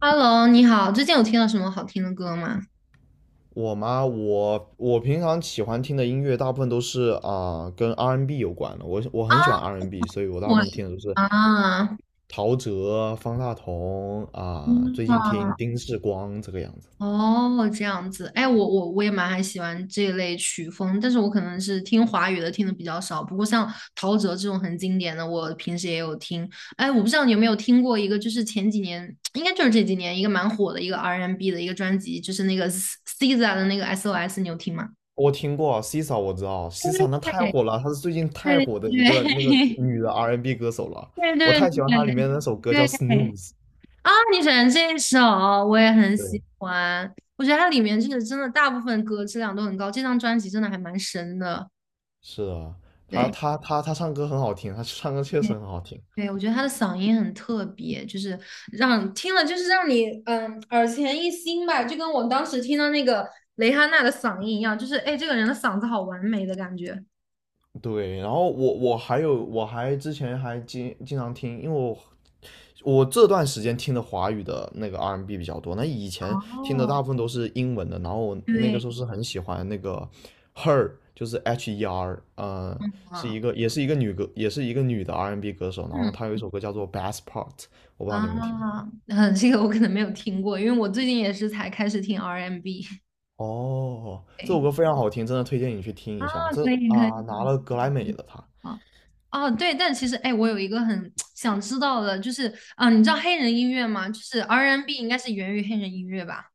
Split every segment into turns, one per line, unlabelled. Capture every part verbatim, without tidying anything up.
Hello，你好，最近有听到什么好听的歌吗？
我吗？我我平常喜欢听的音乐大部分都是啊、跟 R and B n 有关的。我我
啊，
很喜欢 R and B，n 所以我大部
我。
分听的都是
啊，
陶喆、方大同啊、
嗯。
最近听丁世光这个样子。
哦，这样子。哎，我我我也蛮还喜欢这一类曲风，但是我可能是听华语的听的比较少，不过像陶喆这种很经典的，我平时也有听。哎，我不知道你有没有听过一个，就是前几年，应该就是这几年一个蛮火的一个 R and B n 的一个专辑，就是那个 S- SZA 的那个 S O S，你有听吗？
我听过 c i s a， 我知道 c i s a 那太
对
火了，她是最近太
对
火的一个那个
对
女 的 R and B n 歌手了。
对
我
对
太喜欢她里面的那首歌叫
对对。
Snooze。
啊，你选这首我也很
对，
喜欢，我觉得它里面就是真的大部分歌质量都很高，这张专辑真的还蛮神的。
是的，她
对，
她她她唱歌很好听，她唱歌确
对，
实很好听。
对，我觉得他的嗓音很特别，就是让听了就是让你嗯耳前一新吧，就跟我当时听到那个蕾哈娜的嗓音一样，就是哎这个人的嗓子好完美的感觉。
对，然后我我还有我还之前还经经常听，因为我我这段时间听的华语的那个 R and B N 比较多，那以前听的大
哦，
部分都是英文的，然后我那个
对，
时候是很喜欢那个 Her，就是 H E R，呃，是
嗯
一个也是一个女歌，也是一个女的 R and B N 歌手，然后呢，
嗯
她有一首歌叫做 Best Part，我不知道你有没有听过。
啊，嗯，这个我可能没有听过，因为我最近也是才开始听 R and B。
哦，这首
对
歌非常好听，真的推荐你去听
啊，
一下。这
可以可
啊，拿
以。
了格莱美的她。
啊，哦，对，但其实哎，我有一个很 想知道的，就是啊，你知道黑人音乐吗？就是 R and B n 应该是源于黑人音乐吧？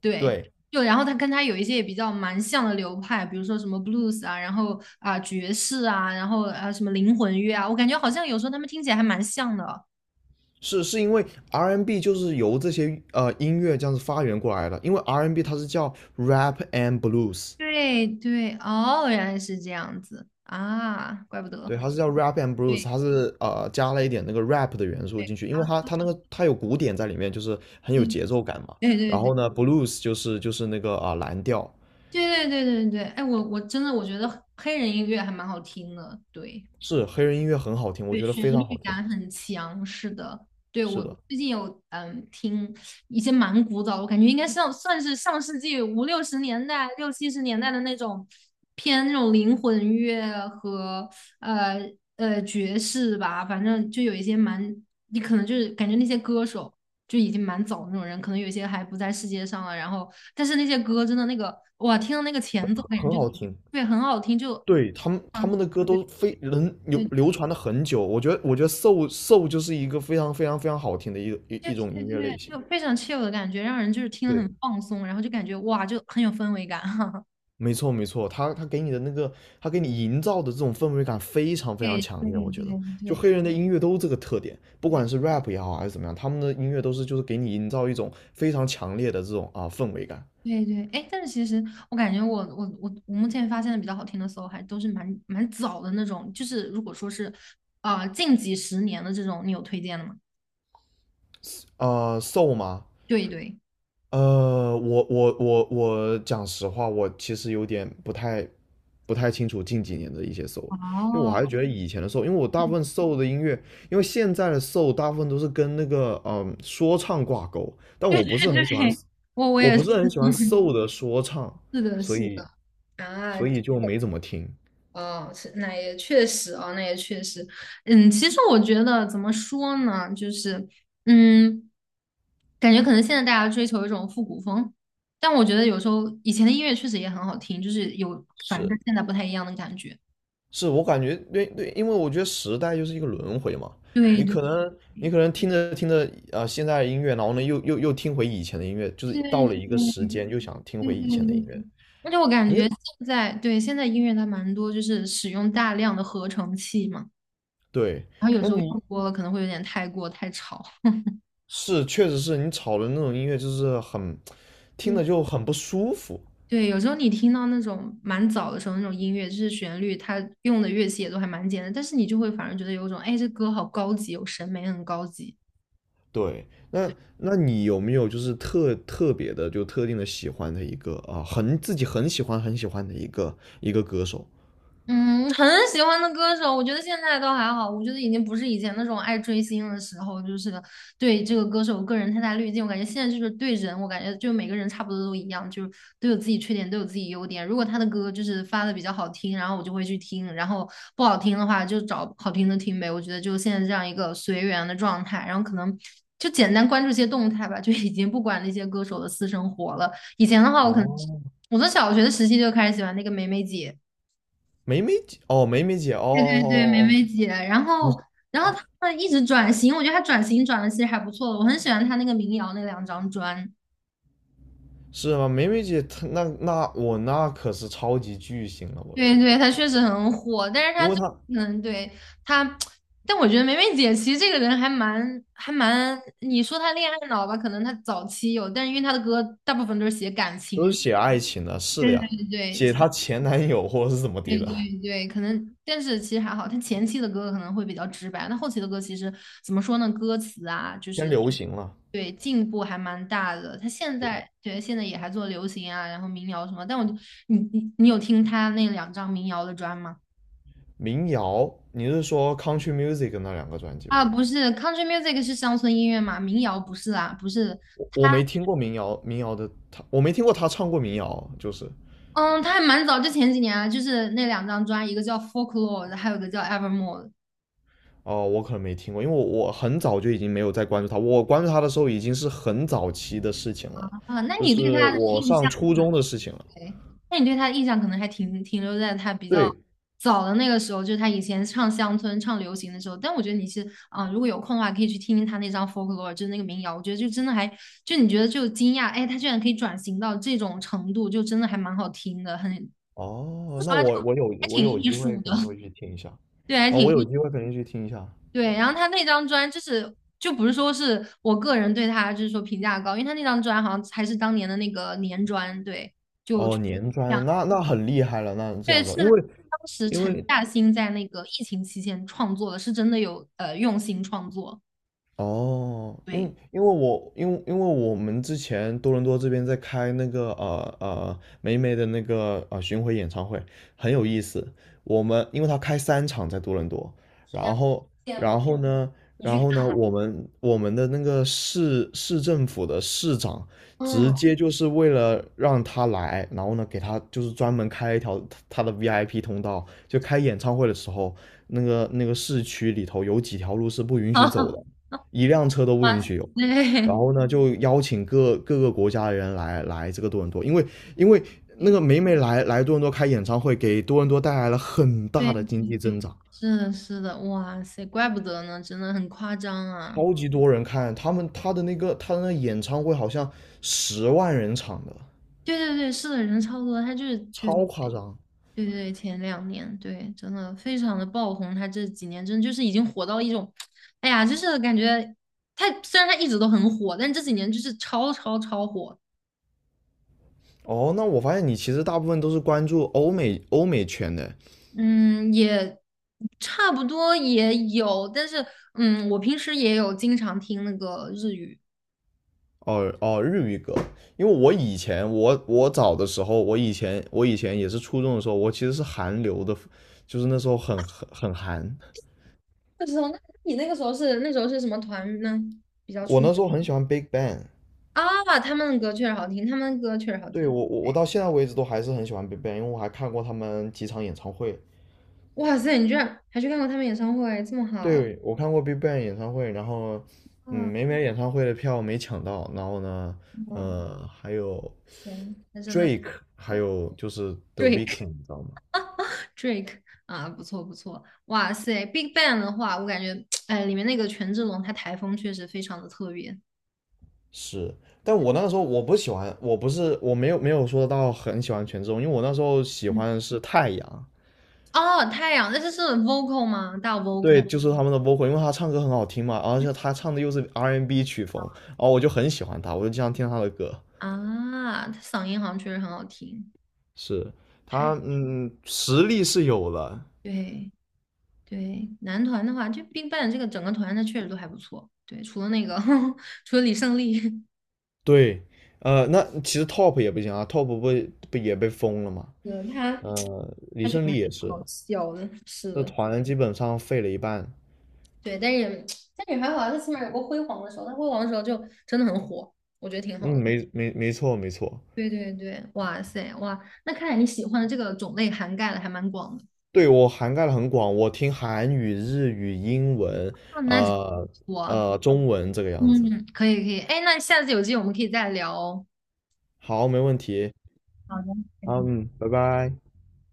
对，
对，
就然后它跟它有一些也比较蛮像的流派，比如说什么 blues 啊，然后啊爵士啊，然后啊什么灵魂乐啊，我感觉好像有时候他们听起来还蛮像的。
是是因为 R and B N 就是由这些呃音乐这样子发源过来的，因为 R and B N 它是叫 rap and blues，
对对，哦，原来是这样子啊，怪不
对，
得。
它是叫 rap and blues，
对
它是呃加了一点那个 rap 的元素进去，因为它它那个它有鼓点在里面，就是很有
对
节奏感嘛。
对
然
对
后呢，blues 就是就是那个啊、呃蓝调，
对对对对对对，哎，我我真的我觉得黑人音乐还蛮好听的，对。
是黑人音乐很好听，我
对，
觉得
旋
非常
律
好听，
感很强，是的。对，
是
我
的，
最近有嗯听一些蛮古早的，我感觉应该上算是上世纪五六十年代、六七十年代的那种偏那种灵魂乐和呃呃爵士吧，反正就有一些蛮，你可能就是感觉那些歌手就已经蛮早的那种人，可能有一些还不在世界上了，然后但是那些歌真的那个哇，听到那个前奏感
很
觉就
好
是
听。
对很好听，就
对，他们他
嗯。
们的歌都非能流
对。
流传了很久，我觉得我觉得 soul soul 就是一个非常非常非常好听的一一
对
一种
对
音乐
对，
类型。
就非常 chill 的感觉，让人就是听了
对，
很放松，然后就感觉哇，就很有氛围感。哈，
没错没错，他他给你的那个，他给你营造的这种氛围感非常非常
对
强
对
烈，我觉得，
对
就
对
黑人的音乐都这个特点，不管是
对
rap 也好还是怎么样，他们的音乐都是就是给你营造一种非常强烈的这种啊、氛围感。
对对，哎，但是其实我感觉我我我我目前发现的比较好听的 soul 还都是蛮蛮早的那种，就是如果说是啊、呃近几十年的这种，你有推荐的吗？
呃，soul 嘛，
对对，
呃，我我我我讲实话，我其实有点不太不太清楚近几年的一些 soul，因为我
哦，
还是觉得以前的 soul，因为我大部分 soul 的音乐，因为现在的 soul 大部分都是跟那个嗯说唱挂钩，但 我不是很
对
喜欢，
对，我我
我
也
不
是，
是很喜欢 soul 的说唱，
是的，
所
是
以
的。啊，
所以就没怎么听。
哦，是那也确实啊，那也确实。嗯，其实我觉得怎么说呢，就是。嗯，感觉可能现在大家追求一种复古风，但我觉得有时候以前的音乐确实也很好听，就是有反正
是，
跟现在不太一样的感觉。
是我感觉，对对，因为我觉得时代就是一个轮回嘛，
对
你
对
可
对
能你可能听着听着啊、呃现在的音乐，然后呢又又又听回以前的音乐，就是到了一个
对
时间又想听
对
回
对
以前的音
对，
乐，
而且我感
你
觉现在对现在音乐它蛮多，就是使用大量的合成器嘛，
对，
然后有
那
时候
你
用多了可能会有点太过太吵。
是确实是你吵的那种音乐就是很听着就很不舒服。
对，有时候你听到那种蛮早的时候那种音乐，就是旋律，它用的乐器也都还蛮简单，但是你就会反而觉得有一种，哎，这歌好高级，有审美很高级。
对，那那你有没有就是特特别的就特定的喜欢的一个啊、很自己很喜欢很喜欢的一个一个歌手？
嗯，很喜欢的歌手，我觉得现在倒还好，我觉得已经不是以前那种爱追星的时候，就是对这个歌手个人太大滤镜。我感觉现在就是对人，我感觉就每个人差不多都一样，就是都有自己缺点，都有自己优点。如果他的歌就是发的比较好听，然后我就会去听，然后不好听的话就找好听的听呗。我觉得就现在这样一个随缘的状态，然后可能就简单关注一些动态吧，就已经不管那些歌手的私生活了。以前的话，我可能
哦，
我从小学的时期就开始喜欢那个梅梅姐。
梅梅姐哦，梅梅姐哦哦
对对，梅
哦哦。
梅姐，然后
你
然后她一直转型，我觉得她转型转的其实还不错的，我很喜欢她那个民谣那两张专。
是吗？梅梅姐，她那那我那可是超级巨星了，我的
对
天！
对，她确实很火，但是
因
她
为
就
她
嗯，对，她，但我觉得梅梅姐其实这个人还蛮还蛮，你说她恋爱脑吧，可能她早期有，但是因为她的歌大部分都是写感
都是
情，
写爱情的，是的
对对
呀，
对
写
对，
她前男友或者是怎么
对
地的，
对对，可能，但是其实还好，他前期的歌可能会比较直白，那后期的歌其实怎么说呢？歌词啊，就
偏
是
流行了。
对进步还蛮大的。他现
对，
在对现在也还做流行啊，然后民谣什么。但我就你你你有听他那两张民谣的专吗？
民谣，你是说 country music 那两个专辑吗？
啊，不是，country music 是乡村音乐嘛，民谣不是啊，不是
我我
他，
没听过民谣，民谣的他，我没听过他唱过民谣，就是。
嗯，他还蛮早，就前几年啊，就是那两张专，一个叫 Folklore,还有一个叫 Evermore
哦，我可能没听过，因为我我很早就已经没有再关注他，我关注他的时候已经是很早期的事情了，
啊。那
就
你对
是
他的
我
印
上
象？
初中的事情了。
哎，那你对他的印象可能还停停留在他比较
对，
早的那个时候，就是他以前唱乡村、唱流行的时候。但我觉得你是，啊、如果有空的话，可以去听听他那张《Folklore》,就是那个民谣。我觉得就真的还，就你觉得就惊讶，哎，他居然可以转型到这种程度，就真的还蛮好听的，很，
哦，
说实
那
话就
我我有
还
我
挺
有
艺
机会
术
肯
的，
定会去听一下，
对，还
啊，
挺
我有
艺，
机会肯定去听一下。
对。然后他那张专就是。就不是说是我个人对他就是说评价高，因为他那张专好像还是当年的那个年专，对，就。
哦，年专，那那很厉害了，那这
对，
样子。
是
因
当
为
时
因
陈
为
嘉欣在那个疫情期间创作的，是真的有呃用心创作。
哦，因
对，
因为我因为因为我们之前多伦多这边在开那个呃呃霉霉的那个呃巡回演唱会，很有意思。我们因为他开三场在多伦多，然后
羡
然
慕
后呢，
你
然
去
后
看，
呢，我们我们的那个市市政府的市长直
嗯，
接就是为了让他来，然后呢给他就是专门开一条他的 V I P 通道，就开演唱会的时候，那个那个市区里头有几条路是不允许走
啊，
的。一辆车都不
哇
允
塞，
许有。然
对
后呢，就邀请各各个国家的人来来这个多伦多，因为因为那个
对
每每来来多伦多开演唱会，给多伦多带来了很大
对，
的经济增长，
是的，是的，哇塞，怪不得呢，真的很夸张啊。
超级多人看他们他的那个他的那个演唱会好像十万人场的，
对对对，是的，人超多，他就是对
超夸张。
对对，前两年对，真的非常的爆红，他这几年真的就是已经火到一种，哎呀，就是感觉他虽然他一直都很火，但这几年就是超超超火。
哦，那我发现你其实大部分都是关注欧美欧美圈的，
嗯，也差不多也有，但是嗯，我平时也有经常听那个日语。
哦哦，日语歌，因为我以前我我早的时候，我以前我以前也是初中的时候，我其实是韩流的，就是那时候很很很韩，
不知道，那你那个时候是那时候是什么团呢？比较
我
出
那
名
时候很喜欢 Big Bang，
啊，他们的歌确实好听，他们的歌确实好
对，
听。
我我我到现在为止都还是很喜欢 Big Bang，因为我还看过他们几场演唱会，
哇塞，你居然还去看过他们演唱会，这么好
对我看过 Big Bang 演唱会，然后嗯
啊！
没买演唱会的票没抢到，然后呢
哇
呃还有
塞，那真的
Drake，还
不
有就是
d
The
r a k
Weeknd，
e
你知道吗？
Drake 啊，不错不错。哇塞，Big Bang 的话，我感觉 哎，里面那个权志龙他台风确实非常的特别。
是，但我那个时候我不喜欢，我不是我没有没有说到很喜欢权志龙，因为我那时候喜欢的是太阳，
哦，太阳，那这是 vocal 吗？大
对，
vocal
就是他们的 v o， 因为他唱歌很好听嘛，而且他唱的又是 R and B n 曲风，然后我就很喜欢他，我就经常听他的歌。
啊，他嗓音好像确实很好听。
是
太，
他，嗯，实力是有了，
对对，男团的话，就 BigBang 这个整个团，他确实都还不错。对，除了那个，除了李胜利，
对，呃，那其实 Top 也不行啊，Top 不不也被封了嘛，
对，他
呃，李
他确实
胜
蛮
利也是，
好笑的，是
这
的，
团基本上废了一半，
对，但是但是还好啊，他起码有过辉煌的时候，他辉煌的时候就真的很火，我觉得挺好
嗯，
的。
没没没错没错，
对对对，哇塞哇，那看来你喜欢的这个种类涵盖的还蛮广的。
对，我涵盖的很广，我听韩语、日语、英文，
啊，那真不
呃
错
呃，中文这个样子。
嗯，可以可以，哎，那下次有机会我们可以再聊哦。
好，没问题。
好的。
好，嗯，拜拜。